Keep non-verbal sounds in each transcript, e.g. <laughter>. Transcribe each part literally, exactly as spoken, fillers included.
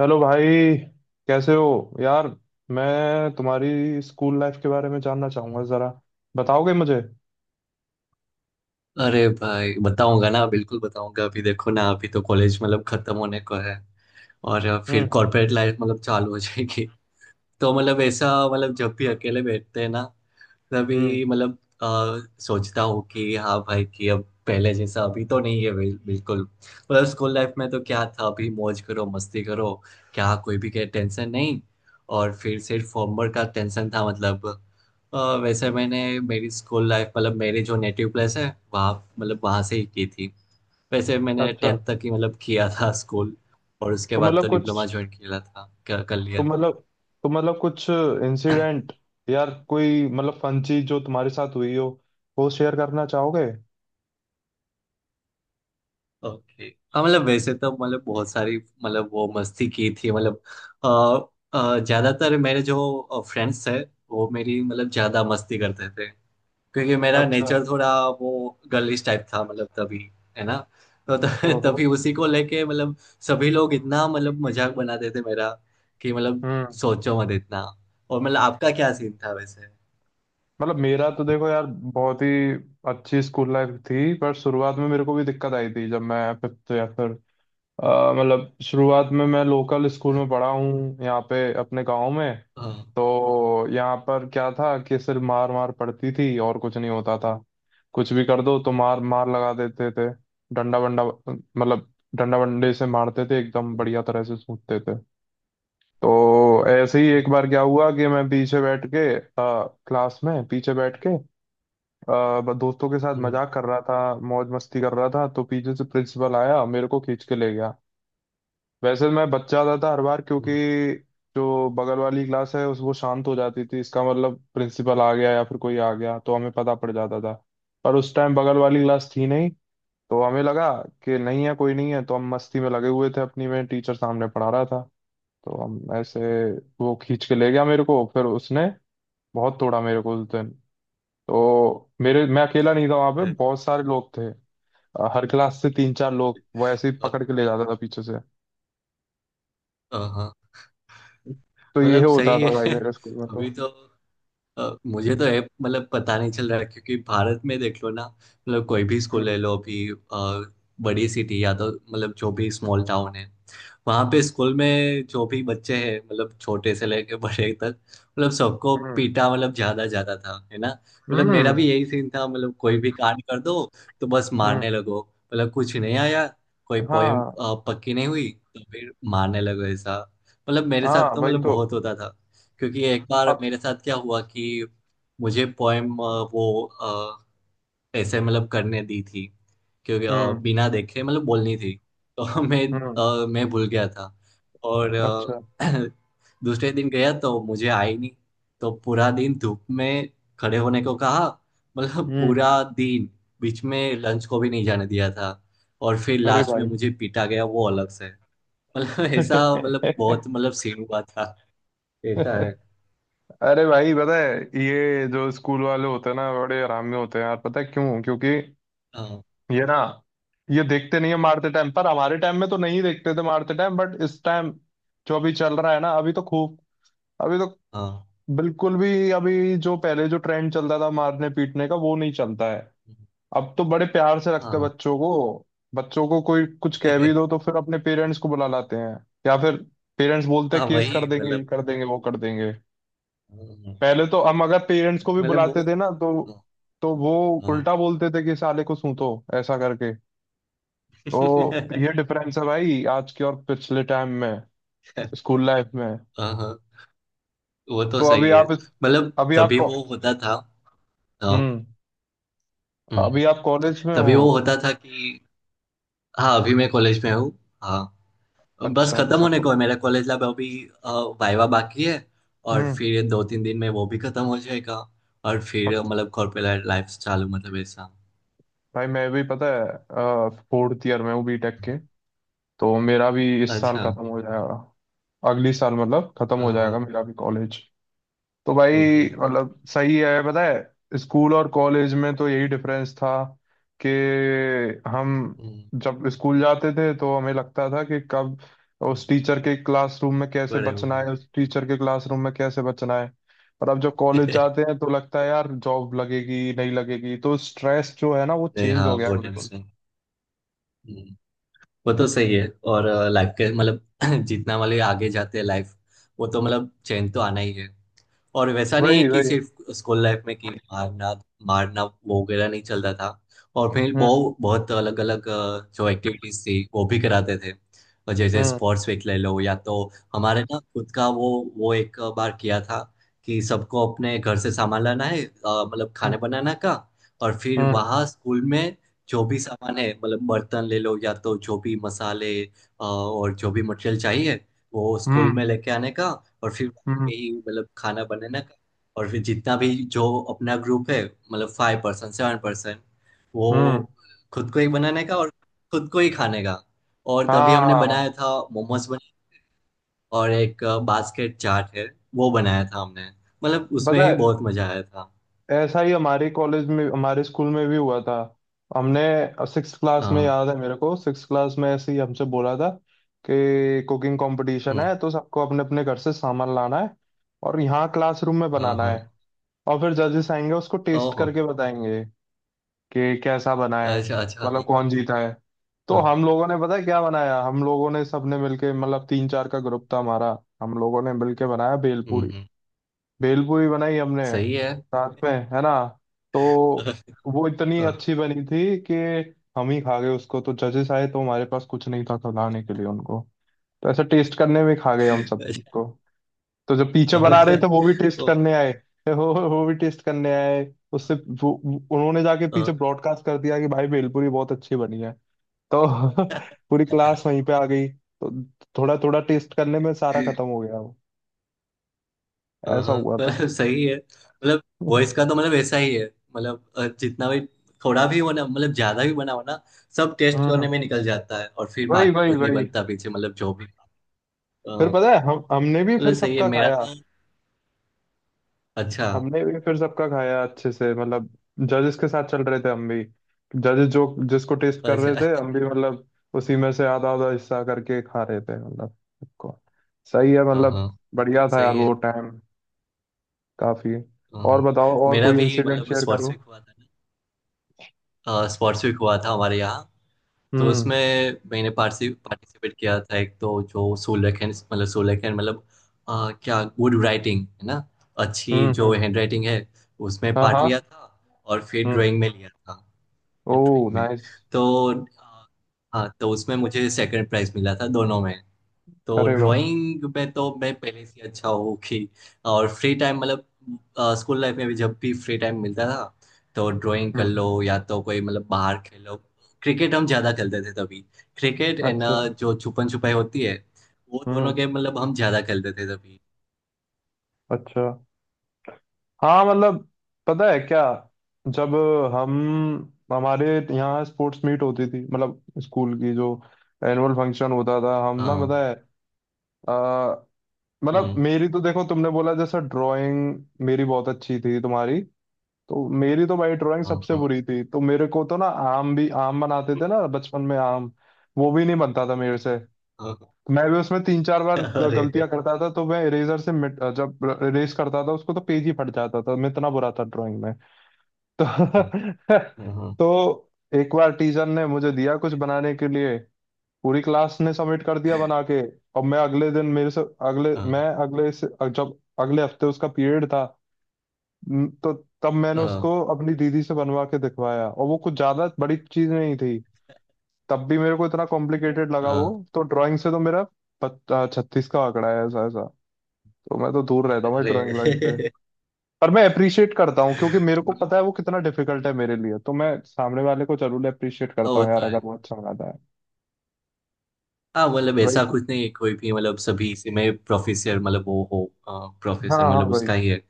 Hello भाई। कैसे हो यार? मैं तुम्हारी स्कूल लाइफ के बारे में जानना चाहूंगा जरा। बताओगे मुझे? अरे भाई बताऊंगा ना, बिल्कुल बताऊंगा। अभी देखो ना, अभी तो कॉलेज मतलब खत्म होने को है। और फिर हम्म। कॉर्पोरेट लाइफ मतलब चालू हो जाएगी। तो मतलब ऐसा मतलब जब भी अकेले बैठते हैं ना, मैं हम्म। भी मतलब अ, सोचता हूँ कि हाँ भाई, कि अब पहले जैसा अभी तो नहीं है। बिल- बिल्कुल मतलब स्कूल लाइफ में तो क्या था, अभी मौज करो मस्ती करो। क्या कोई भी के टेंशन नहीं, और फिर सिर्फ होमवर्क का टेंशन था मतलब। अ, वैसे मैंने मेरी स्कूल लाइफ, मतलब मेरे जो नेटिव प्लेस है वहाँ, मतलब वहाँ से ही की थी। वैसे मैंने अच्छा। टेंथ तक ही मतलब किया था स्कूल। और उसके तो बाद मतलब तो कुछ डिप्लोमा ज्वाइन किया था, कर कर तो लिया। मतलब तो मतलब कुछ इंसिडेंट यार, कोई मतलब फन चीज जो तुम्हारे साथ हुई हो, वो शेयर करना चाहोगे? ओके। हाँ मतलब वैसे तो मतलब बहुत सारी मतलब वो मस्ती की थी मतलब। अ, अ, ज्यादातर मेरे जो फ्रेंड्स थे, वो मेरी मतलब ज्यादा मस्ती करते थे। क्योंकि मेरा अच्छा। नेचर थोड़ा वो गर्लिश टाइप था मतलब, तभी है ना। तो त- <laughs> ओहो। तभी उसी को लेके मतलब सभी लोग इतना मतलब मजाक बनाते थे मेरा, कि मतलब हम्म। सोचो मत इतना। और मतलब आपका क्या सीन था वैसे? मतलब मेरा तो देखो यार, बहुत ही अच्छी स्कूल लाइफ थी। पर शुरुआत में मेरे को भी दिक्कत आई थी जब मैं फिफ्थ या फिर अ, मतलब शुरुआत में मैं लोकल स्कूल में पढ़ा हूँ यहाँ पे अपने गांव में। हाँ। तो यहाँ पर क्या था कि सिर्फ मार मार पड़ती थी और कुछ नहीं होता था। कुछ भी कर दो तो मार मार लगा देते थे। डंडा वंडा, मतलब डंडा वंडे से मारते थे, एकदम बढ़िया तरह से सूटते थे। तो ऐसे ही हम्म, एक बार क्या हुआ कि मैं पीछे बैठ के अ, क्लास में पीछे बैठ के अ, दोस्तों के साथ हम्म, मजाक कर रहा था, मौज मस्ती कर रहा था। तो पीछे से प्रिंसिपल आया, मेरे को खींच के ले गया। वैसे मैं बच जाता था हर बार, क्योंकि हम्म, जो बगल वाली क्लास है उस वो शांत हो जाती थी, इसका मतलब प्रिंसिपल आ गया या फिर कोई आ गया तो हमें पता पड़ जाता था। पर उस टाइम बगल वाली क्लास थी नहीं, तो हमें लगा कि नहीं है, कोई नहीं है, तो हम मस्ती में लगे हुए थे अपनी में। टीचर सामने पढ़ा रहा था। तो हम ऐसे वो खींच के ले गया मेरे को, फिर उसने बहुत तोड़ा मेरे को उस दिन। तो मेरे मैं अकेला नहीं था, वहां पे अ- बहुत सारे लोग थे। हर क्लास से तीन चार लोग वो ऐसे ही पकड़ के ले जाता था पीछे से। अ- हाँ, तो ये मतलब होता सही था है। भाई मेरे स्कूल में <laughs> तो। अभी तो अ, मुझे तो ऐप मतलब पता नहीं चल रहा है, क्योंकि भारत में देख लो ना, मतलब कोई भी स्कूल हम्म। ले लो अभी। अ, बड़ी सिटी या तो मतलब जो भी स्मॉल टाउन है, वहाँ पे स्कूल में जो भी बच्चे हैं, मतलब छोटे से लेके <laughs> बड़े तक, मतलब सबको हम्म। पीटा मतलब ज्यादा ज्यादा था, है ना। मतलब मेरा हम्म। भी यही सीन था, मतलब कोई भी कांड कर दो तो बस मारने हम्म। लगो। मतलब कुछ नहीं आया, कोई पोएम हाँ, पक्की नहीं हुई तो फिर मारने लगो ऐसा। मतलब मेरे साथ हाँ, तो वही मतलब तो। बहुत होता था। क्योंकि एक बार अब। मेरे साथ क्या हुआ कि मुझे पोएम वो अ, ऐसे मतलब करने दी थी, क्योंकि अ, हम्म। बिना देखे मतलब बोलनी थी। तो <laughs> मैं हम्म। अ, मैं भूल गया था। और अच्छा। अ, <clears throat> दूसरे दिन गया तो मुझे आई नहीं। तो पूरा दिन धूप में खड़े होने को कहा, मतलब हम्म। पूरा दिन। बीच में लंच को भी नहीं जाने दिया था, और फिर अरे लास्ट में भाई। मुझे पीटा गया वो अलग से। <laughs> मतलब ऐसा मतलब <laughs> बहुत मतलब सीन हुआ था। ऐसा है। अरे भाई, पता है ये जो स्कूल वाले होते हैं ना, बड़े आराम में होते हैं यार। पता है क्यों? क्योंकि हाँ, ये ना, ये देखते नहीं है मारते टाइम पर। हमारे टाइम में तो नहीं देखते थे मारते टाइम, बट इस टाइम जो अभी चल रहा है ना, अभी तो खूब। अभी तो हाँ, बिल्कुल भी, अभी जो पहले जो ट्रेंड चलता था मारने पीटने का वो नहीं चलता है। अब तो बड़े प्यार से रखते हैं हाँ। बच्चों को। बच्चों को कोई कुछ कह भी दो <laughs> तो फिर अपने पेरेंट्स को बुला लाते हैं, या फिर पेरेंट्स बोलते हाँ, हैं केस कर वही देंगे, ये मतलब। कर हाँ, देंगे, वो कर देंगे। पहले तो हम अगर पेरेंट्स को भी मतलब वो। बुलाते थे ना, तो हाँ, तो वो हाँ। उल्टा बोलते थे कि साले को सूंतो, ऐसा करके। तो <laughs> ये डिफरेंस है भाई आज के और पिछले टाइम में स्कूल लाइफ में। हाँ, हाँ, वो तो तो अभी सही है, आप मतलब अभी आप तभी को वो होता था। हाँ। हम्म, हम्म। अभी आप कॉलेज में हो? तभी वो होता था कि हाँ, अभी मैं कॉलेज में हूँ। हाँ, बस अच्छा, खत्म अच्छा। होने को को है मेरा कॉलेज लैब अभी। अ, वाइवा बाकी है, और हम्म। फिर दो तीन दिन में वो भी खत्म हो जाएगा। और और फिर अ, मतलब कॉर्पोरेट लाइफ चालू, मतलब ऐसा। भाई मैं भी पता है फोर्थ ईयर में हूँ बी टेक के। तो मेरा भी इस साल अच्छा। खत्म हो जाएगा, अगली साल मतलब खत्म हो हाँ, जाएगा हाँ। मेरा भी कॉलेज। तो हम्म, भाई हम्म, मतलब सही है, पता है स्कूल और कॉलेज में तो यही डिफरेंस था कि हम हम्म, जब स्कूल जाते थे तो हमें लगता था कि कब उस हम्म। टीचर के क्लासरूम में कैसे बड़े हो बचना है, गए। उस टीचर के क्लासरूम में कैसे बचना है। और अब जब कॉलेज <laughs> जाते हैं तो लगता है यार जॉब लगेगी नहीं लगेगी, तो स्ट्रेस जो है ना वो नहीं, चेंज हाँ, हो गया वो है बिल्कुल। टेंशन। हम्म। वो तो सही है। और लाइफ के मतलब <clears throat> जितना मतलब आगे जाते हैं लाइफ, वो तो मतलब चेंज तो आना ही है। और वैसा नहीं है वही कि वही। सिर्फ स्कूल लाइफ में कि मारना मारना, वो वगैरह नहीं चलता था। और फिर हम्म। बहुत बहुत अलग अलग जो एक्टिविटीज थी, वो भी कराते थे। और जैसे हम्म। स्पोर्ट्स वीक ले लो, या तो हमारे ना खुद का वो वो एक बार किया था कि सबको अपने घर से सामान लाना है, अ, मतलब हम्म। खाने बनाना का। और फिर हम्म। वहाँ स्कूल में जो भी सामान है, मतलब बर्तन ले लो या तो जो भी मसाले, अ, और जो भी मटेरियल चाहिए, वो स्कूल हम्म। में लेके आने का। और फिर हम्म। में ही मतलब खाना बनाना का। और फिर जितना भी जो अपना ग्रुप है, मतलब फाइव पर्सन सेवन पर्सन, वो हम्म। खुद को ही बनाने का और खुद को ही खाने का। और तभी हमने बनाया हाँ, था मोमोज बनाए, और एक बास्केट चाट है वो बनाया था हमने। मतलब उसमें पता ही है बहुत मजा आया था। ऐसा ही हमारे कॉलेज में, हमारे स्कूल में भी हुआ था। हमने सिक्स क्लास में हाँ। याद है मेरे को, सिक्स क्लास में ऐसे ही हमसे बोला था कि कुकिंग कंपटीशन हम्म। है, तो सबको अपने अपने घर से सामान लाना है और यहाँ क्लासरूम में हाँ, बनाना हाँ। है, और फिर जजेस आएंगे, उसको टेस्ट ओहो। करके बताएंगे कि कैसा बना है, अच्छा, अच्छा। हाँ, मतलब हाँ, कौन जीता है। तो हाँ, हम हाँ। लोगों ने पता है क्या बनाया, हम लोगों ने सबने मिलके, मतलब तीन चार का ग्रुप था हमारा, हम लोगों ने मिलके बनाया हम्म, भेलपूरी। हम्म। भेलपूरी बनाई हमने सही है। साथ में, है ना? तो <laughs> वो इतनी हाँ। अच्छी बनी थी कि हम ही खा गए उसको, तो जजेस आए तो हमारे पास कुछ नहीं था खिलाने के लिए उनको। तो ऐसा टेस्ट करने में खा गए हम अच्छा। सबको। तो जब पीछे बना रहे थे, वो भी टेस्ट ओहो। करने आए। <laughs> वो वो भी टेस्ट करने आए। उससे वो वो- उन्होंने जाके हाँ, पीछे ब्रॉडकास्ट कर दिया कि भाई भेलपूरी बहुत अच्छी बनी है। तो <laughs> पूरी हाँ। क्लास <laughs> वहीं पे आ गई, तो थोड़ा थोड़ा टेस्ट करने में सारा खत्म हो गया वो। ऐसा हाँ हुआ था। मतलब सही है, मतलब वॉइस का तो <laughs> मतलब ऐसा ही है। मतलब अ, जितना भी थोड़ा भी बना मतलब, ज्यादा भी बनाओ ना, सब टेस्ट हम्म। करने में निकल जाता है। और फिर वही बाकी वही कुछ नहीं वही। बनता पीछे मतलब जो भी। अ, फिर पता है हम हमने भी मतलब फिर सही है, सबका मेरा खाया। तो। अच्छा, हमने भी फिर सबका खाया अच्छे से, मतलब जजेस के साथ चल रहे थे हम भी, जजेस जो जिसको टेस्ट कर रहे अच्छा। थे हम <laughs> भी मतलब उसी में से आधा आधा हिस्सा करके खा रहे थे, मतलब सबको। सही है हाँ, हाँ, मतलब। बढ़िया था यार सही है। वो टाइम, काफी। हाँ, और हाँ। बताओ, और मेरा कोई भी इंसिडेंट मतलब शेयर स्पोर्ट्स करो। वीक हुआ था ना, स्पोर्ट्स वीक हुआ था हमारे यहाँ। तो हम्म। उसमें मैंने पार्टिसि पार्टिसिपेट किया था, एक तो जो सोलेखन मतलब सोलेखन, मतलब अ, क्या गुड राइटिंग है ना, अच्छी हम्म। जो हम्म। हैंड राइटिंग है, उसमें हाँ, पार्ट हाँ। लिया था। और फिर हम्म। ड्राइंग में लिया था, ड्राइंग ओह, में। नाइस। तो अ, हाँ, तो उसमें मुझे सेकंड प्राइज मिला था दोनों में। तो अरे वाह। ड्राइंग में तो मैं पहले से अच्छा हूँ कि, और फ्री टाइम मतलब स्कूल लाइफ में भी जब भी फ्री टाइम मिलता था, तो ड्राइंग हम्म। कर लो हम्म। या तो कोई मतलब बाहर खेलो। क्रिकेट हम ज्यादा खेलते थे तभी, क्रिकेट एंड अच्छा। जो छुपन छुपाई होती है, वो दोनों हम्म। गेम मतलब हम ज्यादा खेलते थे तभी। अच्छा। हाँ मतलब, पता है क्या, जब हम हमारे यहाँ स्पोर्ट्स मीट होती थी, मतलब स्कूल की जो एनुअल फंक्शन होता था, हम ना पता हाँ। है। अ, मतलब हम्म। मेरी तो देखो, तुमने बोला जैसा ड्राइंग मेरी बहुत अच्छी थी, तुम्हारी। तो मेरी तो भाई ड्राइंग हाँ, सबसे हाँ, बुरी थी। तो मेरे को तो ना, आम भी, आम बनाते थे ना बचपन में आम, वो भी नहीं बनता था मेरे से। हाँ, हाँ। मैं भी उसमें तीन चार बार ग- अरे, गलतियां करता था। तो मैं इरेजर से मिट जब इरेज करता था उसको तो पेज ही फट जाता था, मैं इतना बुरा था ड्राइंग में। तो हाँ, <laughs> हाँ, तो एक बार टीचर ने मुझे दिया कुछ बनाने के लिए। पूरी क्लास ने सबमिट कर दिया बना के, और मैं अगले दिन मेरे से अगले हाँ, मैं अगले से जब अगले हफ्ते उसका पीरियड था, म, तो तब मैंने हाँ, उसको अपनी दीदी से बनवा के दिखवाया। और वो कुछ ज्यादा बड़ी चीज नहीं थी, तब भी मेरे को इतना कॉम्प्लिकेटेड लगा वो। हाँ। तो ड्राइंग से तो मेरा छत्तीस का आंकड़ा है, ऐसा ऐसा। तो मैं तो दूर रहता अच्छा। हूँ ड्राइंग ड्राइंग से। अरे। <laughs> पर मैं अप्रिशिएट करता हूँ, क्योंकि मेरे को पता है वो कितना डिफिकल्ट है, मेरे लिए तो मैं सामने वाले को जरूर अप्रिशिएट करता वो हूँ तो यार, है। अगर वो अच्छा बनाता है। हाँ मतलब वही ऐसा तो। कुछ नहीं है, कोई भी मतलब सभी इसी में प्रोफेसर, मतलब वो हो प्रोफेसर हाँ, हाँ, मतलब उसका वही ही है।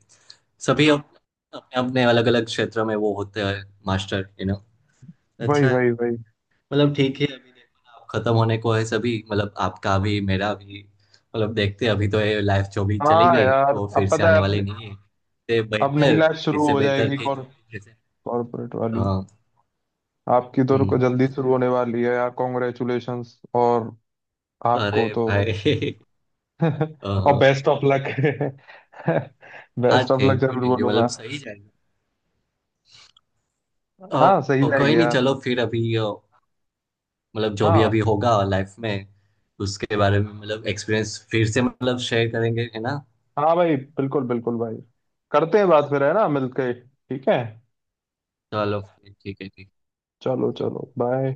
सभी अप- अपने अपने अलग अलग क्षेत्र में वो होते हैं मास्टर यू नो वही अच्छा है। वही वही। मतलब ठीक है, अभी देखो ना, अब खत्म होने को है सभी, मतलब आपका भी मेरा भी मतलब। देखते हैं, अभी तो ये लाइफ जो भी चली हाँ गई यार, वो फिर अब से पता है, आने वाली अब नहीं है इससे अब नई बेहतर। लाइफ शुरू इससे हो बेहतर जाएगी, कि जो कॉर भी जैसे। कॉर्पोरेट वाली। हाँ। आपकी तो रुको, हम्म। जल्दी शुरू होने वाली है यार। कॉन्ग्रेचुलेशंस, और आपको अरे तो। भाई। <laughs> <laughs> और हाँ। Best of luck. हाँ, best of luck. <laughs> Thank you जरूर थैंक यू, बोलूंगा। मतलब सही जाएगा। ओ। हाँ सही ओ, कोई जाएगी नहीं, यार। चलो फिर अभी। ओ, मतलब जो भी हाँ, अभी होगा लाइफ में, उसके बारे में मतलब एक्सपीरियंस फिर से मतलब शेयर करेंगे, है ना। हाँ भाई, बिल्कुल बिल्कुल भाई। करते हैं बात फिर, है ना? मिलके, ठीक है? चलो ठीक है, ठीक है। चलो, चलो, बाय।